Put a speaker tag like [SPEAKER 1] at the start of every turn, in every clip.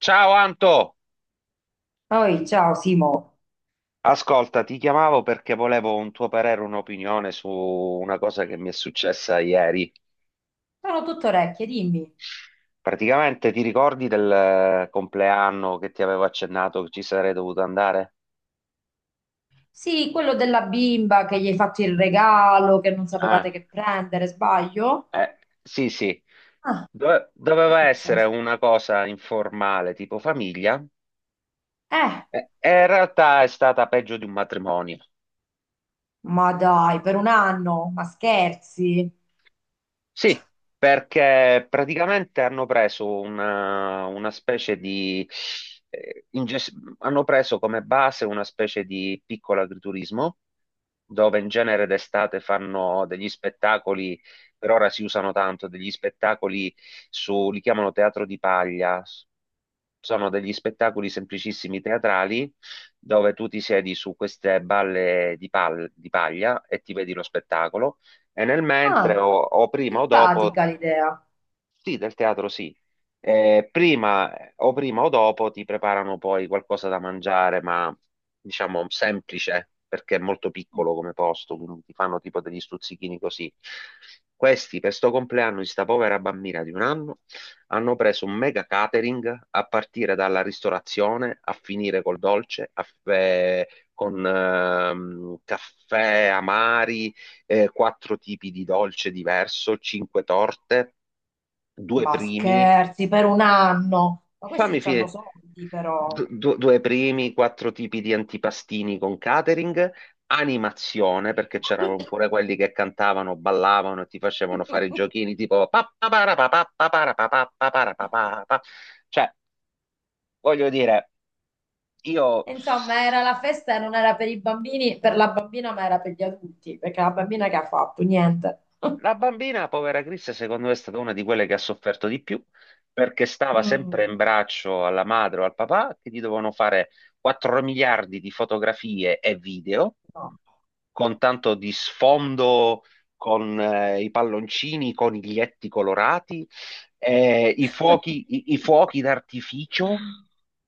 [SPEAKER 1] Ciao Anto,
[SPEAKER 2] Poi, ciao Simo,
[SPEAKER 1] ascolta, ti chiamavo perché volevo un tuo parere, un'opinione su una cosa che mi è successa ieri.
[SPEAKER 2] sono tutto orecchie, dimmi.
[SPEAKER 1] Praticamente ti ricordi del compleanno che ti avevo accennato che ci sarei dovuto andare?
[SPEAKER 2] Sì, quello della bimba che gli hai fatto il regalo, che non
[SPEAKER 1] Ah,
[SPEAKER 2] sapevate che prendere, sbaglio?
[SPEAKER 1] eh, sì, sì.
[SPEAKER 2] Ah. Che è
[SPEAKER 1] Doveva essere
[SPEAKER 2] successo?
[SPEAKER 1] una cosa informale, tipo famiglia,
[SPEAKER 2] Eh,
[SPEAKER 1] e in realtà è stata peggio di un matrimonio.
[SPEAKER 2] ma dai, per un anno, ma scherzi?
[SPEAKER 1] Sì, perché praticamente hanno preso una specie di eh, inges- hanno preso come base una specie di piccolo agriturismo, dove in genere d'estate fanno degli spettacoli, per ora si usano tanto, degli spettacoli su, li chiamano teatro di paglia, sono degli spettacoli semplicissimi teatrali, dove tu ti siedi su queste balle di di paglia e ti vedi lo spettacolo e nel mentre
[SPEAKER 2] Ah,
[SPEAKER 1] o prima o dopo,
[SPEAKER 2] simpatica l'idea.
[SPEAKER 1] sì, del teatro sì. Prima o prima o dopo ti preparano poi qualcosa da mangiare, ma diciamo semplice, perché è molto piccolo come posto, quindi ti fanno tipo degli stuzzichini così. Questi, per sto compleanno di sta povera bambina di un anno, hanno preso un mega catering a partire dalla ristorazione, a finire col dolce, a- eh, con caffè amari, quattro tipi di dolce diverso, cinque torte, due
[SPEAKER 2] Ma
[SPEAKER 1] primi,
[SPEAKER 2] scherzi, per un anno. Ma questi
[SPEAKER 1] fammi
[SPEAKER 2] hanno
[SPEAKER 1] finire,
[SPEAKER 2] soldi però.
[SPEAKER 1] due primi, quattro tipi di antipastini con catering, animazione, perché c'erano pure quelli che cantavano, ballavano e ti facevano fare i giochini tipo pa- pa- para- pa- pa- pa- para- pa- pa- pa- para- pa- pa- pa. Cioè, voglio dire, io.
[SPEAKER 2] Insomma, era la festa e non era per i bambini, per la bambina, ma era per gli adulti, perché la bambina che ha fatto? Niente.
[SPEAKER 1] La bambina, povera Chris, secondo me è stata una di quelle che ha sofferto di più perché stava
[SPEAKER 2] Mm.
[SPEAKER 1] sempre in braccio alla madre o al papà che gli dovevano fare 4 miliardi di fotografie e video
[SPEAKER 2] No.
[SPEAKER 1] con tanto di sfondo, con i palloncini, i coniglietti colorati, i fuochi,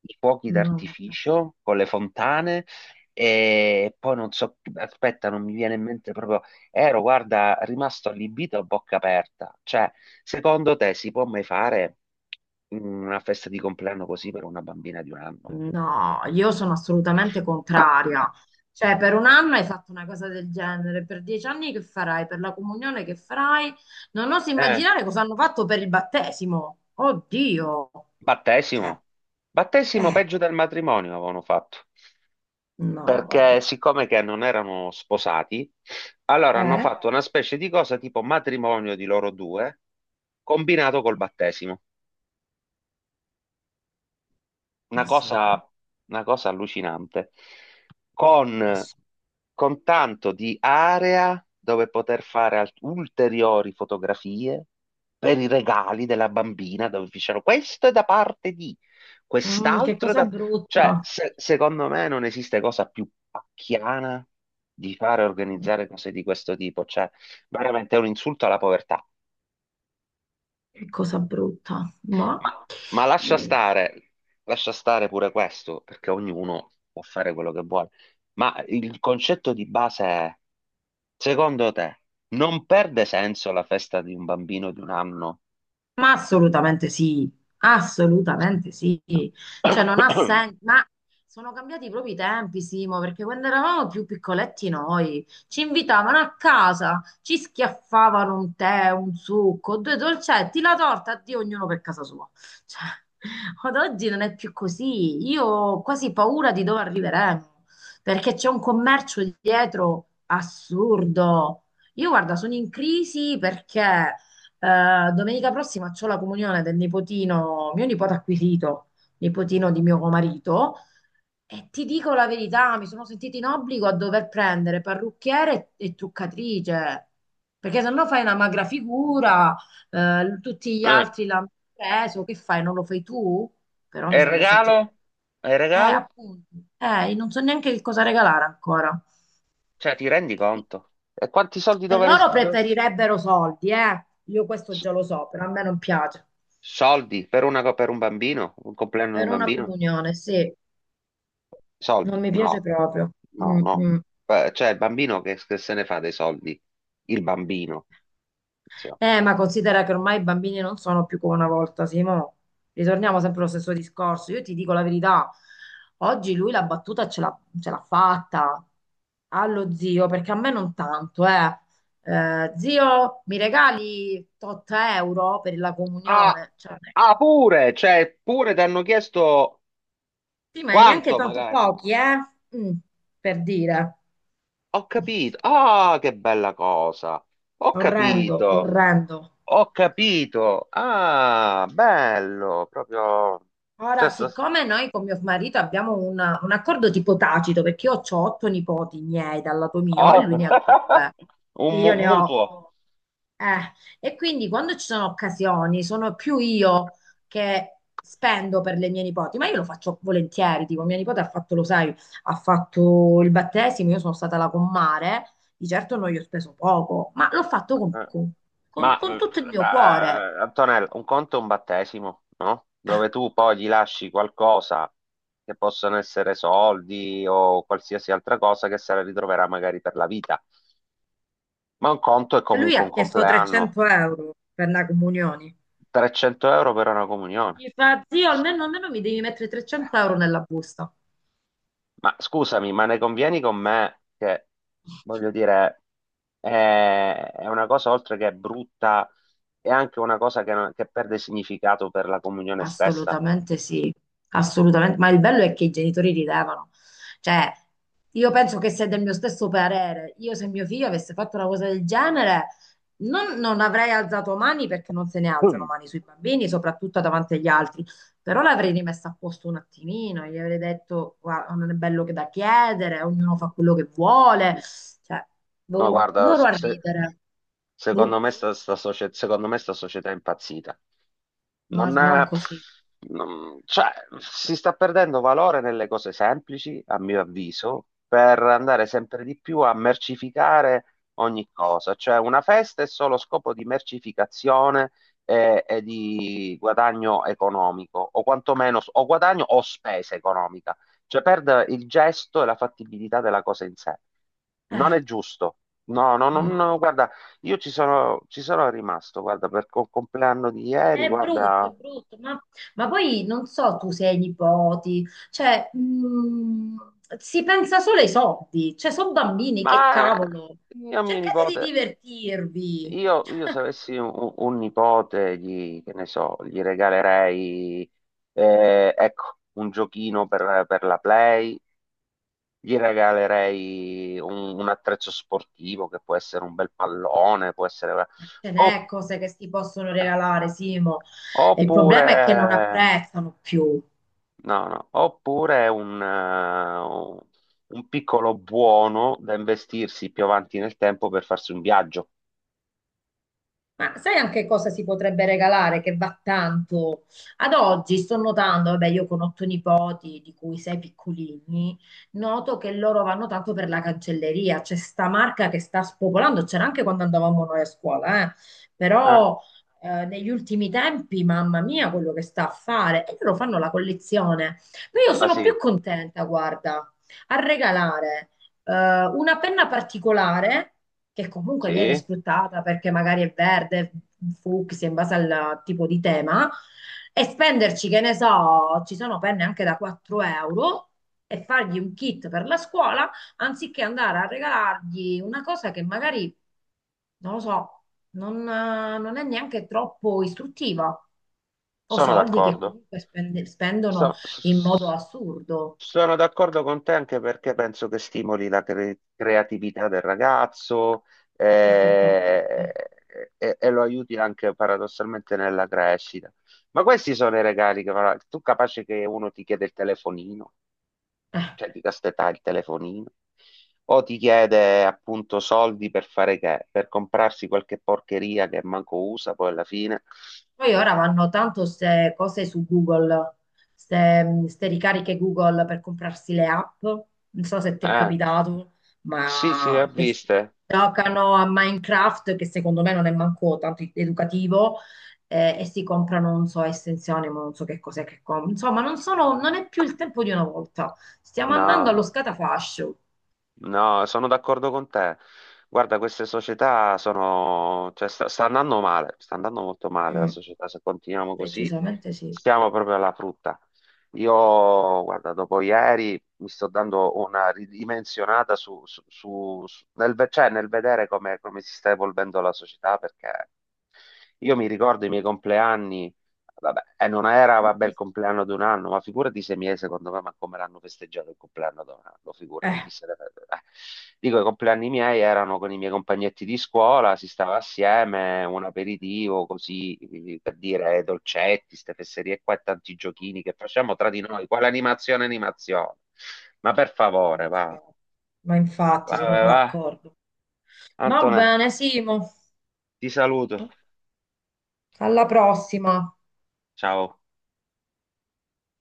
[SPEAKER 1] i fuochi
[SPEAKER 2] No,
[SPEAKER 1] d'artificio con le fontane. E poi non so, aspetta, non mi viene in mente proprio. Ero, guarda, rimasto allibito a bocca aperta. Cioè, secondo te si può mai fare una festa di compleanno così per una bambina di un anno?
[SPEAKER 2] vabbè. No, io sono assolutamente contraria. Cioè, per un anno hai fatto una cosa del genere, per 10 anni che farai? Per la comunione che farai? Non oso
[SPEAKER 1] Eh.
[SPEAKER 2] immaginare cosa hanno fatto per il battesimo. Oddio. Cioè,
[SPEAKER 1] Battesimo. Battesimo
[SPEAKER 2] eh,
[SPEAKER 1] peggio del matrimonio avevano fatto,
[SPEAKER 2] no,
[SPEAKER 1] perché
[SPEAKER 2] vabbè.
[SPEAKER 1] siccome che non erano sposati, allora hanno
[SPEAKER 2] Eh?
[SPEAKER 1] fatto una specie di cosa tipo matrimonio di loro due, combinato col battesimo. Una
[SPEAKER 2] Assurdo.
[SPEAKER 1] cosa, una cosa allucinante, con,
[SPEAKER 2] Assurdo.
[SPEAKER 1] con tanto di area dove poter fare ulteriori fotografie per i regali della bambina, dove dicevano questo è da parte di,
[SPEAKER 2] Mm, che
[SPEAKER 1] quest'altro è
[SPEAKER 2] cosa
[SPEAKER 1] da... Cioè,
[SPEAKER 2] brutta.
[SPEAKER 1] secondo me non esiste cosa più pacchiana di fare organizzare cose di questo tipo, cioè veramente è un insulto alla povertà.
[SPEAKER 2] Che cosa brutta.
[SPEAKER 1] Ma
[SPEAKER 2] Mm,
[SPEAKER 1] lascia stare pure questo, perché ognuno può fare quello che vuole. Ma il concetto di base è, secondo te, non perde senso la festa di un bambino di un anno?
[SPEAKER 2] Ma assolutamente sì, assolutamente sì. Cioè non ha senso, ma sono cambiati i propri tempi, Simo, perché quando eravamo più piccoletti noi ci invitavano a casa, ci schiaffavano un tè, un succo, due dolcetti, la torta, addio, ognuno per casa sua. Cioè, ad oggi non è più così. Io ho quasi paura di dove arriveremo, perché c'è un commercio dietro assurdo. Io guarda, sono in crisi perché domenica prossima c'ho la comunione del nipotino, mio nipote acquisito, nipotino di mio marito, e ti dico la verità, mi sono sentita in obbligo a dover prendere parrucchiere e truccatrice, perché se no fai una magra figura, tutti gli
[SPEAKER 1] Eh,
[SPEAKER 2] altri l'hanno preso, che fai? Non lo fai tu? Però
[SPEAKER 1] e
[SPEAKER 2] mi
[SPEAKER 1] il
[SPEAKER 2] sembra esagerato.
[SPEAKER 1] regalo? E il regalo?
[SPEAKER 2] Appunto, non so neanche che cosa regalare ancora.
[SPEAKER 1] Cioè, ti rendi conto? E quanti soldi
[SPEAKER 2] Cioè, loro preferirebbero soldi, eh. Io questo
[SPEAKER 1] s-
[SPEAKER 2] già lo so, però a me non piace.
[SPEAKER 1] soldi per una per un bambino? Un compleanno di un
[SPEAKER 2] Per una
[SPEAKER 1] bambino?
[SPEAKER 2] comunione, sì, non
[SPEAKER 1] Soldi?
[SPEAKER 2] mi piace
[SPEAKER 1] No,
[SPEAKER 2] proprio.
[SPEAKER 1] no,
[SPEAKER 2] Mm,
[SPEAKER 1] no.
[SPEAKER 2] mm.
[SPEAKER 1] Cioè, il bambino che se ne fa dei soldi? Il bambino. Sì.
[SPEAKER 2] Ma considera che ormai i bambini non sono più come una volta, Simo. Ritorniamo sempre allo stesso discorso. Io ti dico la verità, oggi lui la battuta ce l'ha fatta allo zio, perché a me non tanto, eh. Zio, mi regali 8 euro per la
[SPEAKER 1] Ah,
[SPEAKER 2] comunione? Cioè,
[SPEAKER 1] ah, pure, cioè, pure ti hanno chiesto
[SPEAKER 2] sì, ma è neanche
[SPEAKER 1] quanto
[SPEAKER 2] tanto
[SPEAKER 1] magari.
[SPEAKER 2] pochi, eh? Mm, per dire.
[SPEAKER 1] Ho capito. Ah, che bella cosa. Ho
[SPEAKER 2] Orrendo,
[SPEAKER 1] capito.
[SPEAKER 2] orrendo.
[SPEAKER 1] Ho capito. Ah, bello, proprio.
[SPEAKER 2] Ora,
[SPEAKER 1] Cioè, sta-
[SPEAKER 2] siccome noi con mio marito abbiamo un accordo tipo tacito, perché io ho otto nipoti miei dal lato mio e
[SPEAKER 1] oh.
[SPEAKER 2] lui ne ha due,
[SPEAKER 1] Un
[SPEAKER 2] e io
[SPEAKER 1] mu-
[SPEAKER 2] ne ho
[SPEAKER 1] mutuo.
[SPEAKER 2] otto. Eh, e quindi quando ci sono occasioni, sono più io che spendo per le mie nipoti, ma io lo faccio volentieri. Tipo, mia nipote ha fatto, lo sai, ha fatto il battesimo, io sono stata la commare, di certo non gli ho speso poco, ma l'ho fatto con,
[SPEAKER 1] Eh,
[SPEAKER 2] con con-
[SPEAKER 1] Ma,
[SPEAKER 2] con
[SPEAKER 1] eh,
[SPEAKER 2] tutto il mio cuore.
[SPEAKER 1] ma, Antonella, un conto è un battesimo, no? Dove tu poi gli lasci qualcosa che possono essere soldi o qualsiasi altra cosa che se la ritroverà magari per la vita. Ma un conto è
[SPEAKER 2] E lui
[SPEAKER 1] comunque un
[SPEAKER 2] ha chiesto
[SPEAKER 1] compleanno.
[SPEAKER 2] 300 euro per la comunione.
[SPEAKER 1] 300 euro per una comunione.
[SPEAKER 2] Infatti, io almeno, almeno mi devi mettere 300 euro nella busta.
[SPEAKER 1] Ma scusami, ma ne convieni con me che, voglio dire, è una cosa oltre che brutta, è anche una cosa che, non- che perde significato per la comunione stessa?
[SPEAKER 2] Assolutamente sì, assolutamente. Ma il bello è che i genitori ridevano. Cioè, io penso che sei del mio stesso parere. Io se mio figlio avesse fatto una cosa del genere, non avrei alzato mani perché non se ne alzano
[SPEAKER 1] Mm.
[SPEAKER 2] mani sui bambini, soprattutto davanti agli altri. Però l'avrei rimessa a posto un attimino, gli avrei detto, guarda, non è bello che da chiedere, ognuno fa quello che vuole. Cioè,
[SPEAKER 1] No,
[SPEAKER 2] boh,
[SPEAKER 1] guarda,
[SPEAKER 2] loro a
[SPEAKER 1] se,
[SPEAKER 2] ridere.
[SPEAKER 1] secondo
[SPEAKER 2] Boh.
[SPEAKER 1] me secondo me sta società è impazzita.
[SPEAKER 2] Ma
[SPEAKER 1] Non
[SPEAKER 2] non
[SPEAKER 1] è-
[SPEAKER 2] così.
[SPEAKER 1] non- Cioè, si sta perdendo valore nelle cose semplici, a mio avviso, per andare sempre di più a mercificare ogni cosa. Cioè, una festa è solo scopo di mercificazione e di guadagno economico, o quantomeno o guadagno o spesa economica. Cioè, perde il gesto e la fattibilità della cosa in sé. Non è
[SPEAKER 2] Eh,
[SPEAKER 1] giusto. No, no, no,
[SPEAKER 2] no.
[SPEAKER 1] no, guarda. Io ci sono, rimasto, guarda, per il compleanno di ieri,
[SPEAKER 2] È
[SPEAKER 1] guarda,
[SPEAKER 2] brutto, ma poi non so tu se hai nipoti, cioè si pensa solo ai soldi, cioè sono bambini, che
[SPEAKER 1] ma
[SPEAKER 2] cavolo,
[SPEAKER 1] io a mio
[SPEAKER 2] cercate di
[SPEAKER 1] nipote,
[SPEAKER 2] divertirvi.
[SPEAKER 1] io se avessi un nipote, gli, che ne so, gli regalerei, ecco, un giochino per la Play, gli regalerei un attrezzo sportivo che può essere un bel pallone, può essere...
[SPEAKER 2] Ce
[SPEAKER 1] opp-
[SPEAKER 2] n'è cose che si possono regalare, Simo, e il problema è che non
[SPEAKER 1] oppure...
[SPEAKER 2] apprezzano più.
[SPEAKER 1] No, no. Oppure è un piccolo buono da investirsi più avanti nel tempo per farsi un viaggio.
[SPEAKER 2] Ma sai anche cosa si potrebbe regalare che va tanto? Ad oggi sto notando, vabbè, io con otto nipoti, di cui sei piccolini, noto che loro vanno tanto per la cancelleria. C'è sta marca che sta spopolando, c'era anche quando andavamo noi a scuola, eh.
[SPEAKER 1] Eh,
[SPEAKER 2] Però negli ultimi tempi, mamma mia, quello che sta a fare, e loro fanno la collezione. Ma io
[SPEAKER 1] ma
[SPEAKER 2] sono più
[SPEAKER 1] sì,
[SPEAKER 2] contenta, guarda, a regalare una penna particolare che comunque viene
[SPEAKER 1] sì,
[SPEAKER 2] sfruttata perché magari è verde, fucsia, in base al tipo di tema, e spenderci, che ne so, ci sono penne anche da 4 euro. E fargli un kit per la scuola anziché andare a regalargli una cosa che magari, non lo so, non è neanche troppo istruttiva o
[SPEAKER 1] sono
[SPEAKER 2] soldi che
[SPEAKER 1] d'accordo.
[SPEAKER 2] comunque spendono
[SPEAKER 1] So- s-
[SPEAKER 2] in modo
[SPEAKER 1] s-
[SPEAKER 2] assurdo,
[SPEAKER 1] Sono d'accordo con te anche perché penso che stimoli la creatività del ragazzo, eh,
[SPEAKER 2] perfettamente.
[SPEAKER 1] e lo aiuti anche paradossalmente nella crescita. Ma questi sono i regali che farà. Tu capace che uno ti chiede il telefonino,
[SPEAKER 2] Eh.
[SPEAKER 1] cioè di castità il telefonino, o ti chiede appunto soldi per fare che? Per comprarsi qualche porcheria che manco usa poi alla fine.
[SPEAKER 2] Poi ora vanno tanto queste cose su Google, queste ricariche Google per comprarsi le app. Non so se ti è
[SPEAKER 1] Eh,
[SPEAKER 2] capitato,
[SPEAKER 1] sì, sì, le ho
[SPEAKER 2] ma che
[SPEAKER 1] viste.
[SPEAKER 2] giocano a Minecraft, che secondo me non è manco tanto educativo, e si comprano, non so, estensioni, ma non so che cos'è che comprano. Insomma, non è più il tempo di una volta. Stiamo andando allo
[SPEAKER 1] No.
[SPEAKER 2] scatafascio.
[SPEAKER 1] No, sono d'accordo con te. Guarda, queste società sono, cioè, sta, sta andando male, sta andando molto male la
[SPEAKER 2] Mm,
[SPEAKER 1] società. Se continuiamo così,
[SPEAKER 2] decisamente sì.
[SPEAKER 1] stiamo proprio alla frutta. Io, guarda, dopo ieri mi sto dando una ridimensionata cioè, nel vedere come, come si sta evolvendo la società, perché io mi ricordo i miei compleanni. Vabbè, e non era, vabbè, il compleanno di un anno, ma figurati sei mesi, secondo me, ma come l'hanno festeggiato il compleanno di un anno, figurati chi
[SPEAKER 2] Eh,
[SPEAKER 1] se ne frega. Dico, i compleanni miei erano con i miei compagnetti di scuola, si stava assieme, un aperitivo, così, per dire, dolcetti, ste fesserie qua e tanti giochini che facciamo tra di noi, quale animazione, animazione. Ma per
[SPEAKER 2] ma
[SPEAKER 1] favore, va,
[SPEAKER 2] infatti, ma
[SPEAKER 1] va,
[SPEAKER 2] infatti sono
[SPEAKER 1] va, va.
[SPEAKER 2] d'accordo. Va
[SPEAKER 1] Antonella,
[SPEAKER 2] bene, Simo.
[SPEAKER 1] ti saluto,
[SPEAKER 2] Alla prossima.
[SPEAKER 1] ciao.